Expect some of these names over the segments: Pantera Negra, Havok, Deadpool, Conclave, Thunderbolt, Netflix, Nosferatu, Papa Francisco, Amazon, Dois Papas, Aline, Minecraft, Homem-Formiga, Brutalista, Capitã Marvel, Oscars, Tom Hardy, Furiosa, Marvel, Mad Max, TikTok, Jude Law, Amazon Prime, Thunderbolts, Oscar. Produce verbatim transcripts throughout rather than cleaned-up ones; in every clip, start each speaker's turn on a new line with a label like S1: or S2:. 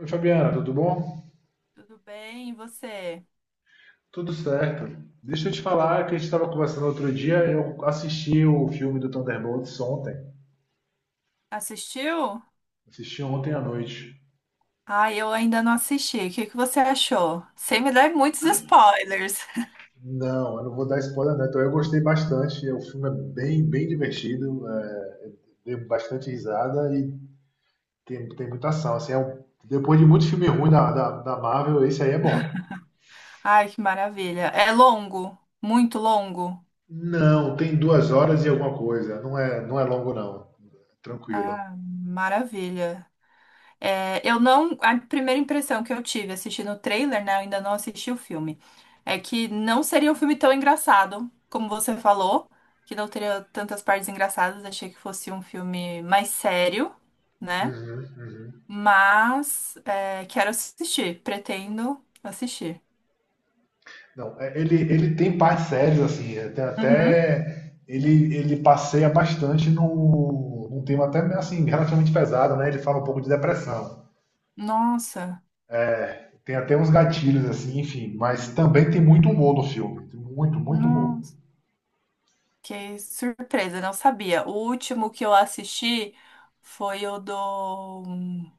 S1: Oi, Fabiana, tudo bom?
S2: Tudo bem, e você?
S1: Tudo certo. Deixa eu te falar que a gente estava conversando outro dia. Eu assisti o filme do Thunderbolts ontem.
S2: Assistiu?
S1: Assisti ontem à noite.
S2: Ah eu ainda não assisti. O que que você achou? Sem me dar muitos spoilers.
S1: Não, eu não vou dar spoiler, né? Então eu gostei bastante. O filme é bem, bem divertido. É, deu bastante risada e tem, tem muita ação. Assim, é um- depois de muito filme ruim da, da, da Marvel, esse aí é bom.
S2: Ai, que maravilha. É longo? Muito longo?
S1: Não, tem duas horas e alguma coisa. Não é, não é longo, não. Tranquilo.
S2: Ah, maravilha. É, eu não. A primeira impressão que eu tive assistindo o trailer, né? Eu ainda não assisti o filme. É que não seria um filme tão engraçado, como você falou, que não teria tantas partes engraçadas. Achei que fosse um filme mais sério, né?
S1: Uhum, uhum.
S2: Mas é, quero assistir, pretendo assistir.
S1: Não, é, ele, ele tem partes sérias, assim, é, tem
S2: Uhum.
S1: até. Ele, ele passeia bastante no, num tema até assim, relativamente pesado, né? Ele fala um pouco de depressão.
S2: Nossa,
S1: Tem até uns gatilhos, assim, enfim, mas também tem muito humor no filme. Tem muito, muito humor.
S2: nossa, que surpresa, não sabia. O último que eu assisti foi o do.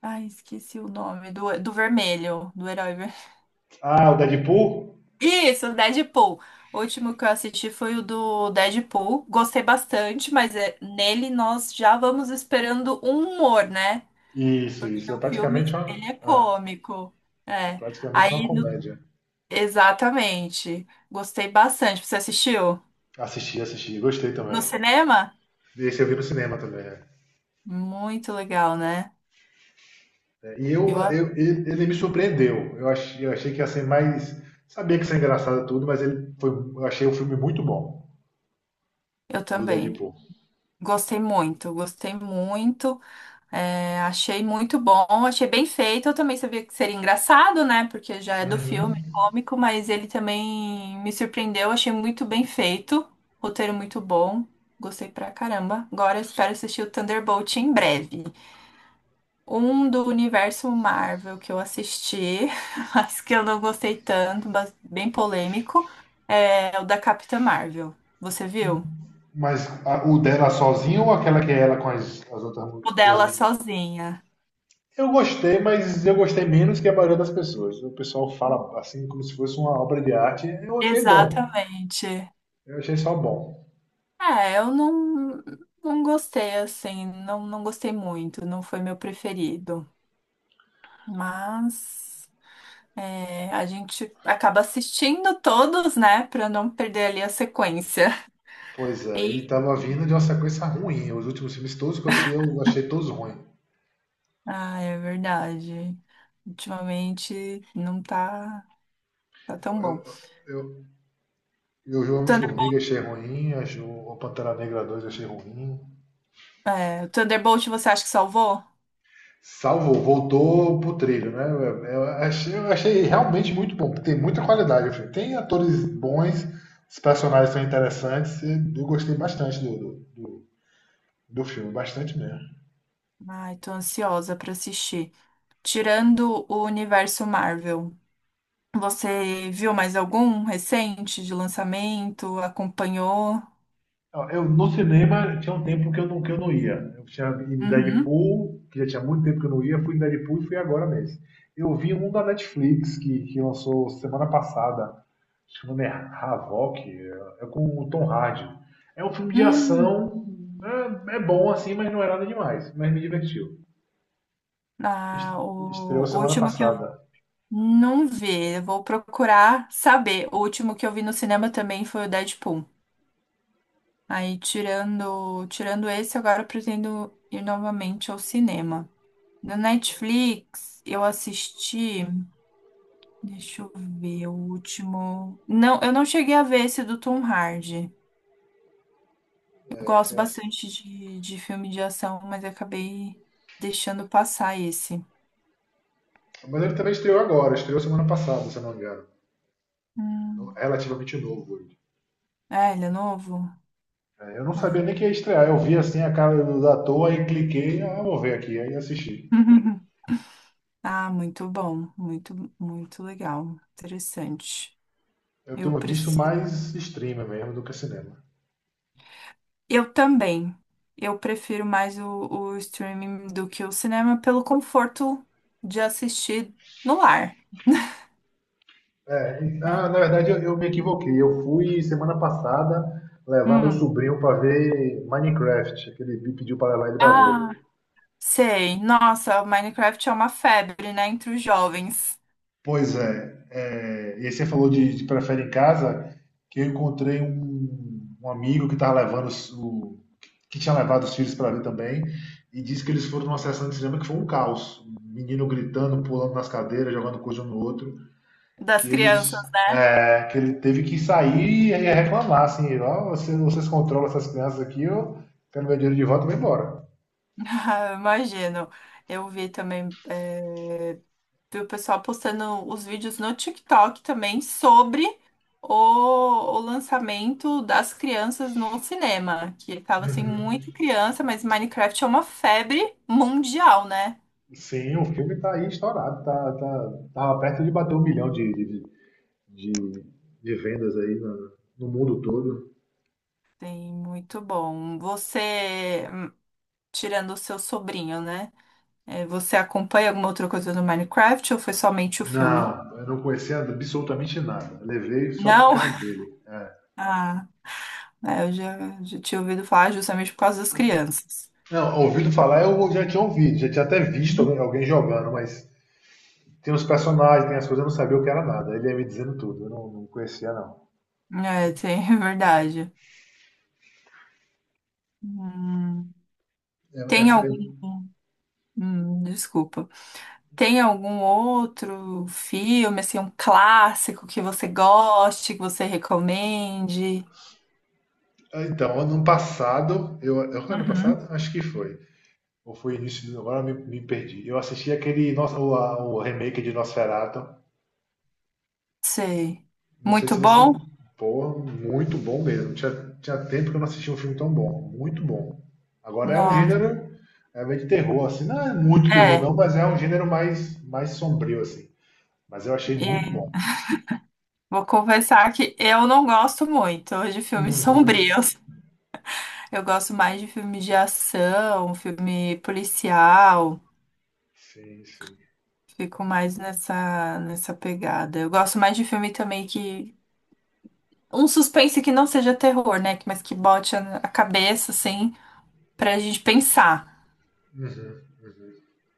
S2: Ai, esqueci o nome, do, do vermelho, do herói vermelho.
S1: Ah, o Deadpool?
S2: Isso, Deadpool. O último que eu assisti foi o do Deadpool. Gostei bastante, mas é- nele nós já vamos esperando um humor, né?
S1: Isso,
S2: Porque
S1: isso. É
S2: o
S1: praticamente
S2: filme,
S1: uma,
S2: ele é
S1: é,
S2: cômico.
S1: é
S2: É.
S1: praticamente uma
S2: Aí no.
S1: comédia.
S2: Exatamente. Gostei bastante. Você assistiu?
S1: Assisti, assisti, gostei
S2: No
S1: também.
S2: cinema?
S1: Esse eu vi no cinema também. É.
S2: Muito legal, né?
S1: E eu,
S2: Eu, a-
S1: eu- ele, ele me surpreendeu. Eu achei, eu achei que ia ser mais. Sabia que ia ser engraçado tudo, mas ele foi, eu achei o filme muito bom,
S2: eu
S1: o do
S2: também.
S1: Deadpool.
S2: Gostei muito, gostei muito. É, achei muito bom, achei bem feito. Eu também sabia que seria engraçado, né? Porque já é do filme, é cômico, mas ele também me surpreendeu. Achei muito bem feito. Roteiro muito bom. Gostei pra caramba. Agora eu espero assistir o Thunderbolt em breve. Um do universo Marvel que eu assisti, mas que eu não gostei tanto, mas bem polêmico, é o da Capitã Marvel. Você viu?
S1: Mas a- o dela sozinho ou aquela que é ela com as, as outras mu-
S2: O
S1: duas
S2: dela
S1: meninas?
S2: sozinha.
S1: Eu gostei, mas eu gostei menos que a maioria das pessoas. O pessoal fala assim como se fosse uma obra de arte. Eu achei bom.
S2: Exatamente.
S1: Eu achei só bom.
S2: É, eu não, não gostei assim, não, não gostei muito, não foi meu preferido. Mas é, a gente acaba assistindo todos, né, pra não perder ali a sequência.
S1: Pois é, e tava vindo de uma sequência ruim. Os últimos filmes todos que eu assisti, eu achei todos ruins.
S2: Ah, é verdade. Ultimamente não tá, tá tão bom.
S1: Eu O
S2: Thunder-
S1: Homem-Formiga achei ruim, eu- o Pantera Negra dois achei ruim.
S2: é, Thunderbolt, você acha que salvou?
S1: Salvou, voltou pro trilho, né? Eu achei, eu achei realmente muito bom, porque tem muita qualidade. O filme. Tem atores bons, os personagens são interessantes, e eu gostei bastante do, do, do, do filme, bastante mesmo.
S2: Ai, tô ansiosa pra assistir. Tirando o universo Marvel, você viu mais algum recente de lançamento? Acompanhou?
S1: Ó, Eu, no cinema tinha um tempo que eu não, que eu não ia. Eu tinha ido em
S2: Uhum.
S1: Deadpool, que já tinha muito tempo que eu não ia, fui em Deadpool e fui agora mesmo. Eu vi um da Netflix que, que lançou semana passada. Acho que o nome é Havok, é, é com o Tom Hardy. É um filme de
S2: Hum,
S1: ação, é, é bom assim, mas não é nada demais, mas me divertiu.
S2: ah,
S1: Est- Estreou
S2: o, o
S1: semana
S2: último que eu
S1: passada.
S2: não vi, eu vou procurar saber. O último que eu vi no cinema também foi o Deadpool. Aí, tirando, tirando esse, agora eu pretendo ir novamente ao cinema. No Netflix, eu assisti. Deixa eu ver, o último. Não, eu não cheguei a ver esse do Tom Hardy. Eu gosto
S1: É assim.
S2: bastante de, de filme de ação, mas eu acabei deixando passar esse.
S1: Mas ele também estreou agora, estreou semana passada, se eu não me engano. Então,
S2: Hum.
S1: relativamente novo ele.
S2: É, ele é novo?
S1: É, eu não
S2: Ah.
S1: sabia nem que ia estrear. Eu vi assim a cara do da toa e cliquei, ah, vou ver aqui, aí assisti.
S2: Ah, muito bom. Muito, muito legal. Interessante.
S1: Eu
S2: Eu
S1: tenho visto
S2: preciso.
S1: mais streamer mesmo do que cinema.
S2: Eu também. Eu prefiro mais o, o streaming do que o cinema pelo conforto de assistir no lar, né?
S1: Ah, na verdade, eu, eu me equivoquei. Eu fui semana passada levar meu
S2: Hum.
S1: sobrinho para ver Minecraft, que ele me pediu para levar ele para
S2: Ah,
S1: ver.
S2: sei. Nossa, o Minecraft é uma febre, né, entre os jovens,
S1: Pois é, é, e aí você falou de, de prefere em casa, que eu encontrei um, um amigo que tava levando os- o, que tinha levado os filhos para ver também, e disse que eles foram numa sessão de cinema que foi um caos. Um menino gritando, pulando nas cadeiras, jogando coisa um no outro. que
S2: das
S1: eles
S2: crianças, né?
S1: é, que ele teve que sair e reclamar, assim, ó, vocês, vocês controlam essas crianças aqui, eu quero meu dinheiro de volta e vou embora.
S2: Ah, imagino. Eu vi também. Eh, vi o pessoal postando os vídeos no TikTok também sobre o, o lançamento das crianças no cinema, que tava assim muita criança, mas Minecraft é uma febre mundial, né?
S1: Sim, o filme tá aí estourado, tá, tá, tava perto de bater um milhão de, de, de, de vendas aí no, no mundo todo.
S2: Tem muito bom. Você, tirando o seu sobrinho, né? É, você acompanha alguma outra coisa no Minecraft ou foi somente o filme?
S1: Não, eu não conhecia absolutamente nada. Eu levei só por
S2: Não?
S1: causa dele.
S2: Ah, é, eu já, já tinha ouvido falar justamente por causa das crianças.
S1: Não, ouvido falar, eu já tinha ouvido, já tinha até visto
S2: Hum.
S1: alguém, alguém jogando, mas tem os personagens, tem as coisas, eu não sabia o que era nada. Ele ia me dizendo tudo, eu não, não conhecia, não.
S2: É, tem, é verdade. Hum.
S1: É, é,
S2: Tem algum. Hum, desculpa. Tem algum outro filme, assim, um clássico que você goste, que você recomende?
S1: ah, então, ano passado, eu, eu foi ano
S2: Uhum.
S1: passado? Acho que foi. Ou foi início do, agora eu me, me perdi. Eu assisti aquele nosso, o, a- o remake de Nosferatu.
S2: Sei.
S1: Não sei
S2: Muito
S1: se você.
S2: bom?
S1: Pô, muito bom mesmo. Tinha, tinha tempo que eu não assistia um filme tão bom. Muito bom. Agora é um
S2: Nossa.
S1: gênero é meio de terror, assim. Não é muito terror,
S2: É,
S1: não, mas é um gênero mais, mais sombrio, assim. Mas eu achei muito
S2: é,
S1: bom.
S2: vou confessar que eu não gosto muito de filmes
S1: Uhum.
S2: sombrios. Eu gosto mais de filme de ação, filme policial.
S1: Sim, sim.
S2: Fico mais nessa, nessa pegada. Eu gosto mais de filme também que. Um suspense que não seja terror, né? Mas que bote a a cabeça, assim, pra gente pensar.
S1: Uhum, uhum.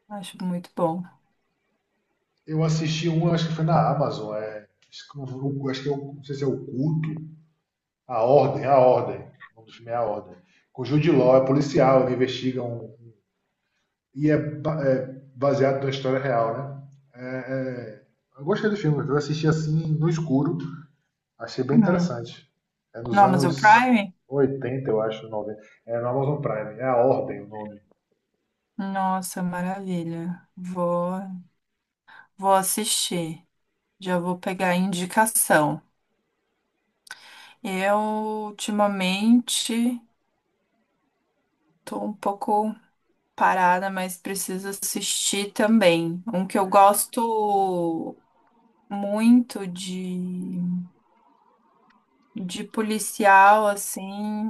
S2: Acho muito bom.
S1: Eu assisti um, acho que foi na Amazon, é, acho que é o- acho que é o- não sei se é o culto, a ordem, a ordem, o nome do filme é a ordem. Com o Jude Law, é policial, ele investiga um e é, ba- é baseado na história real, né? É, é, eu gostei do filme, eu assisti assim no escuro, achei bem
S2: Hum.
S1: interessante. É
S2: No
S1: nos
S2: Amazon
S1: anos
S2: Prime?
S1: oitenta, eu acho, noventa. É no Amazon Prime, é a ordem o nome.
S2: Nossa, maravilha. Vou, vou assistir. Já vou pegar a indicação. Eu, ultimamente, tô um pouco parada, mas preciso assistir também. Um que eu gosto muito de de policial, assim.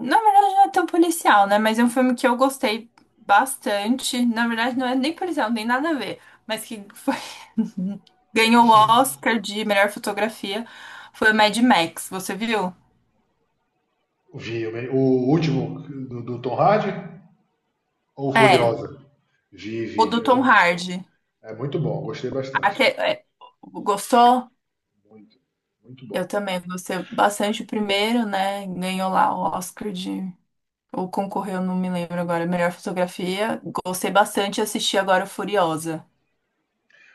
S2: Na verdade, não é tão policial, né? Mas é um filme que eu gostei bastante. Na verdade, não é nem policial, nem nada a ver. Mas que foi... ganhou o Oscar de melhor fotografia foi o Mad Max. Você viu?
S1: Vi, o último do, do Tom Hardy ou
S2: É,
S1: Furiosa? Vi, vi.
S2: o do
S1: Eu,
S2: Tom Hardy.
S1: é muito bom, gostei
S2: Aque-
S1: bastante.
S2: é, gostou?
S1: Muito, muito
S2: Eu
S1: bom.
S2: também gostei bastante o primeiro, né? Ganhou lá o Oscar de. Ou concorreu, não me lembro agora. Melhor fotografia. Gostei bastante e assisti agora o Furiosa.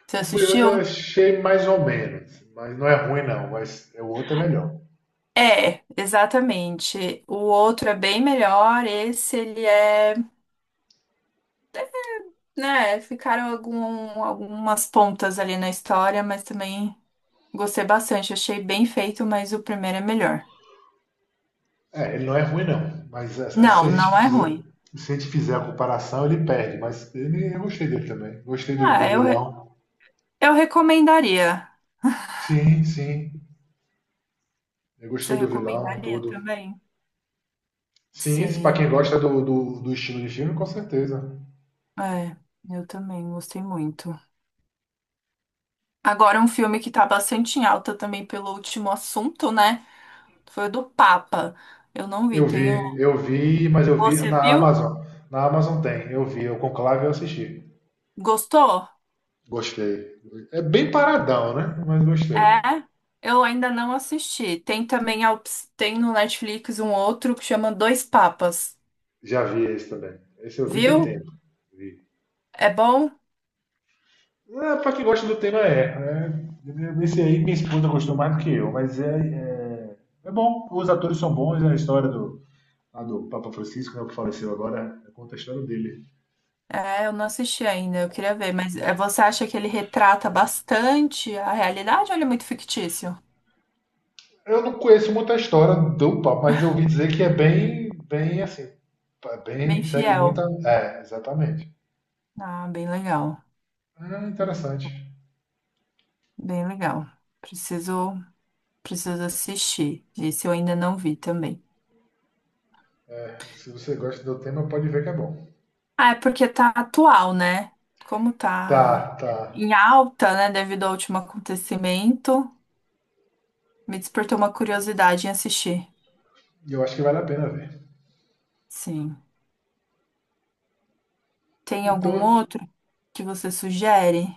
S2: Você
S1: O Furioso eu
S2: assistiu?
S1: achei mais ou menos, mas não é ruim não, mas é o outro é melhor.
S2: É, exatamente. O outro é bem melhor, esse ele é, né, ficaram algum- algumas pontas ali na história, mas também gostei bastante, achei bem feito, mas o primeiro é melhor.
S1: É, ele não é ruim não, mas é- é, se a
S2: Não,
S1: gente
S2: não é
S1: fizer,
S2: ruim.
S1: se a gente fizer a comparação ele perde, mas ele, eu gostei dele também. Gostei do, do
S2: Ah, eu, re-
S1: vilão.
S2: eu recomendaria.
S1: Sim, sim, eu
S2: Você
S1: gostei do vilão,
S2: recomendaria
S1: tudo.
S2: também?
S1: Sim, isso para
S2: Sim,
S1: quem gosta do, do, do estilo de filme, com certeza.
S2: é, eu também gostei muito. Agora um filme que tá bastante em alta também pelo último assunto, né? Foi o do Papa. Eu não vi,
S1: Eu
S2: tenho.
S1: vi, eu vi, mas eu vi
S2: Você
S1: na
S2: viu?
S1: Amazon. Na Amazon tem, eu vi, o Conclave eu assisti.
S2: Gostou?
S1: Gostei. É bem paradão, né? Mas gostei.
S2: É? Eu ainda não assisti. Tem também a, op- tem no Netflix um outro que chama Dois Papas.
S1: Já vi esse também. Esse eu vi
S2: Viu?
S1: tem tempo. Vi.
S2: É bom?
S1: É, pra quem gosta do tema é, né? Esse aí minha esposa gostou mais do que eu, mas é, é, é bom. Os atores são bons, a história do, lá do Papa Francisco, né, que faleceu agora, conta a história dele.
S2: É, eu não assisti ainda, eu queria ver, mas é, você acha que ele retrata bastante a realidade ou ele é muito fictício?
S1: Eu não conheço muita história do Papa, mas eu ouvi dizer que é bem, bem assim, é
S2: Bem
S1: bem, segue muita.
S2: fiel.
S1: É, exatamente.
S2: Ah, bem legal.
S1: É interessante.
S2: Bem legal. Preciso, preciso assistir. Esse eu ainda não vi também.
S1: Se você gosta do tema, pode ver que é bom.
S2: Ah, é porque tá atual, né? Como
S1: Tá,
S2: tá
S1: tá.
S2: em alta, né, devido ao último acontecimento, me despertou uma curiosidade em assistir.
S1: E eu acho que vale a pena ver.
S2: Sim. Tem algum
S1: Então,
S2: outro que você sugere?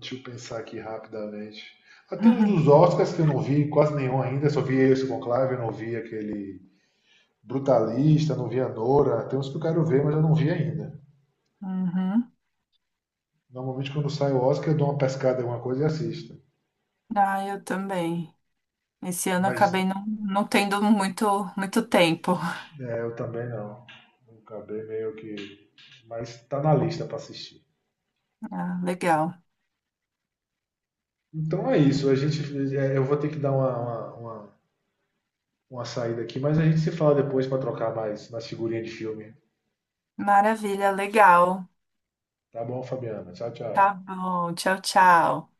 S1: deixa eu pensar aqui rapidamente. Ah, tem uns dos Oscars que eu não vi quase nenhum ainda, só vi esse Conclave, eu não vi aquele Brutalista, não vi a Nora. Tem uns que eu quero ver, mas eu não vi ainda.
S2: Uhum.
S1: Normalmente quando sai o Oscar eu dou uma pescada em alguma coisa e assisto.
S2: Ah, eu também. Esse ano eu
S1: Mas
S2: acabei não, não tendo muito, muito tempo.
S1: é, eu também não. Acabei meio que. Mas tá na lista pra assistir.
S2: Ah, legal.
S1: Então é isso. A gente, é, eu vou ter que dar uma, uma, uma, uma saída aqui, mas a gente se fala depois pra trocar mais nas figurinhas de filme.
S2: Maravilha, legal.
S1: Tá bom, Fabiana. Tchau,
S2: Tá
S1: tchau.
S2: bom. Tchau, tchau.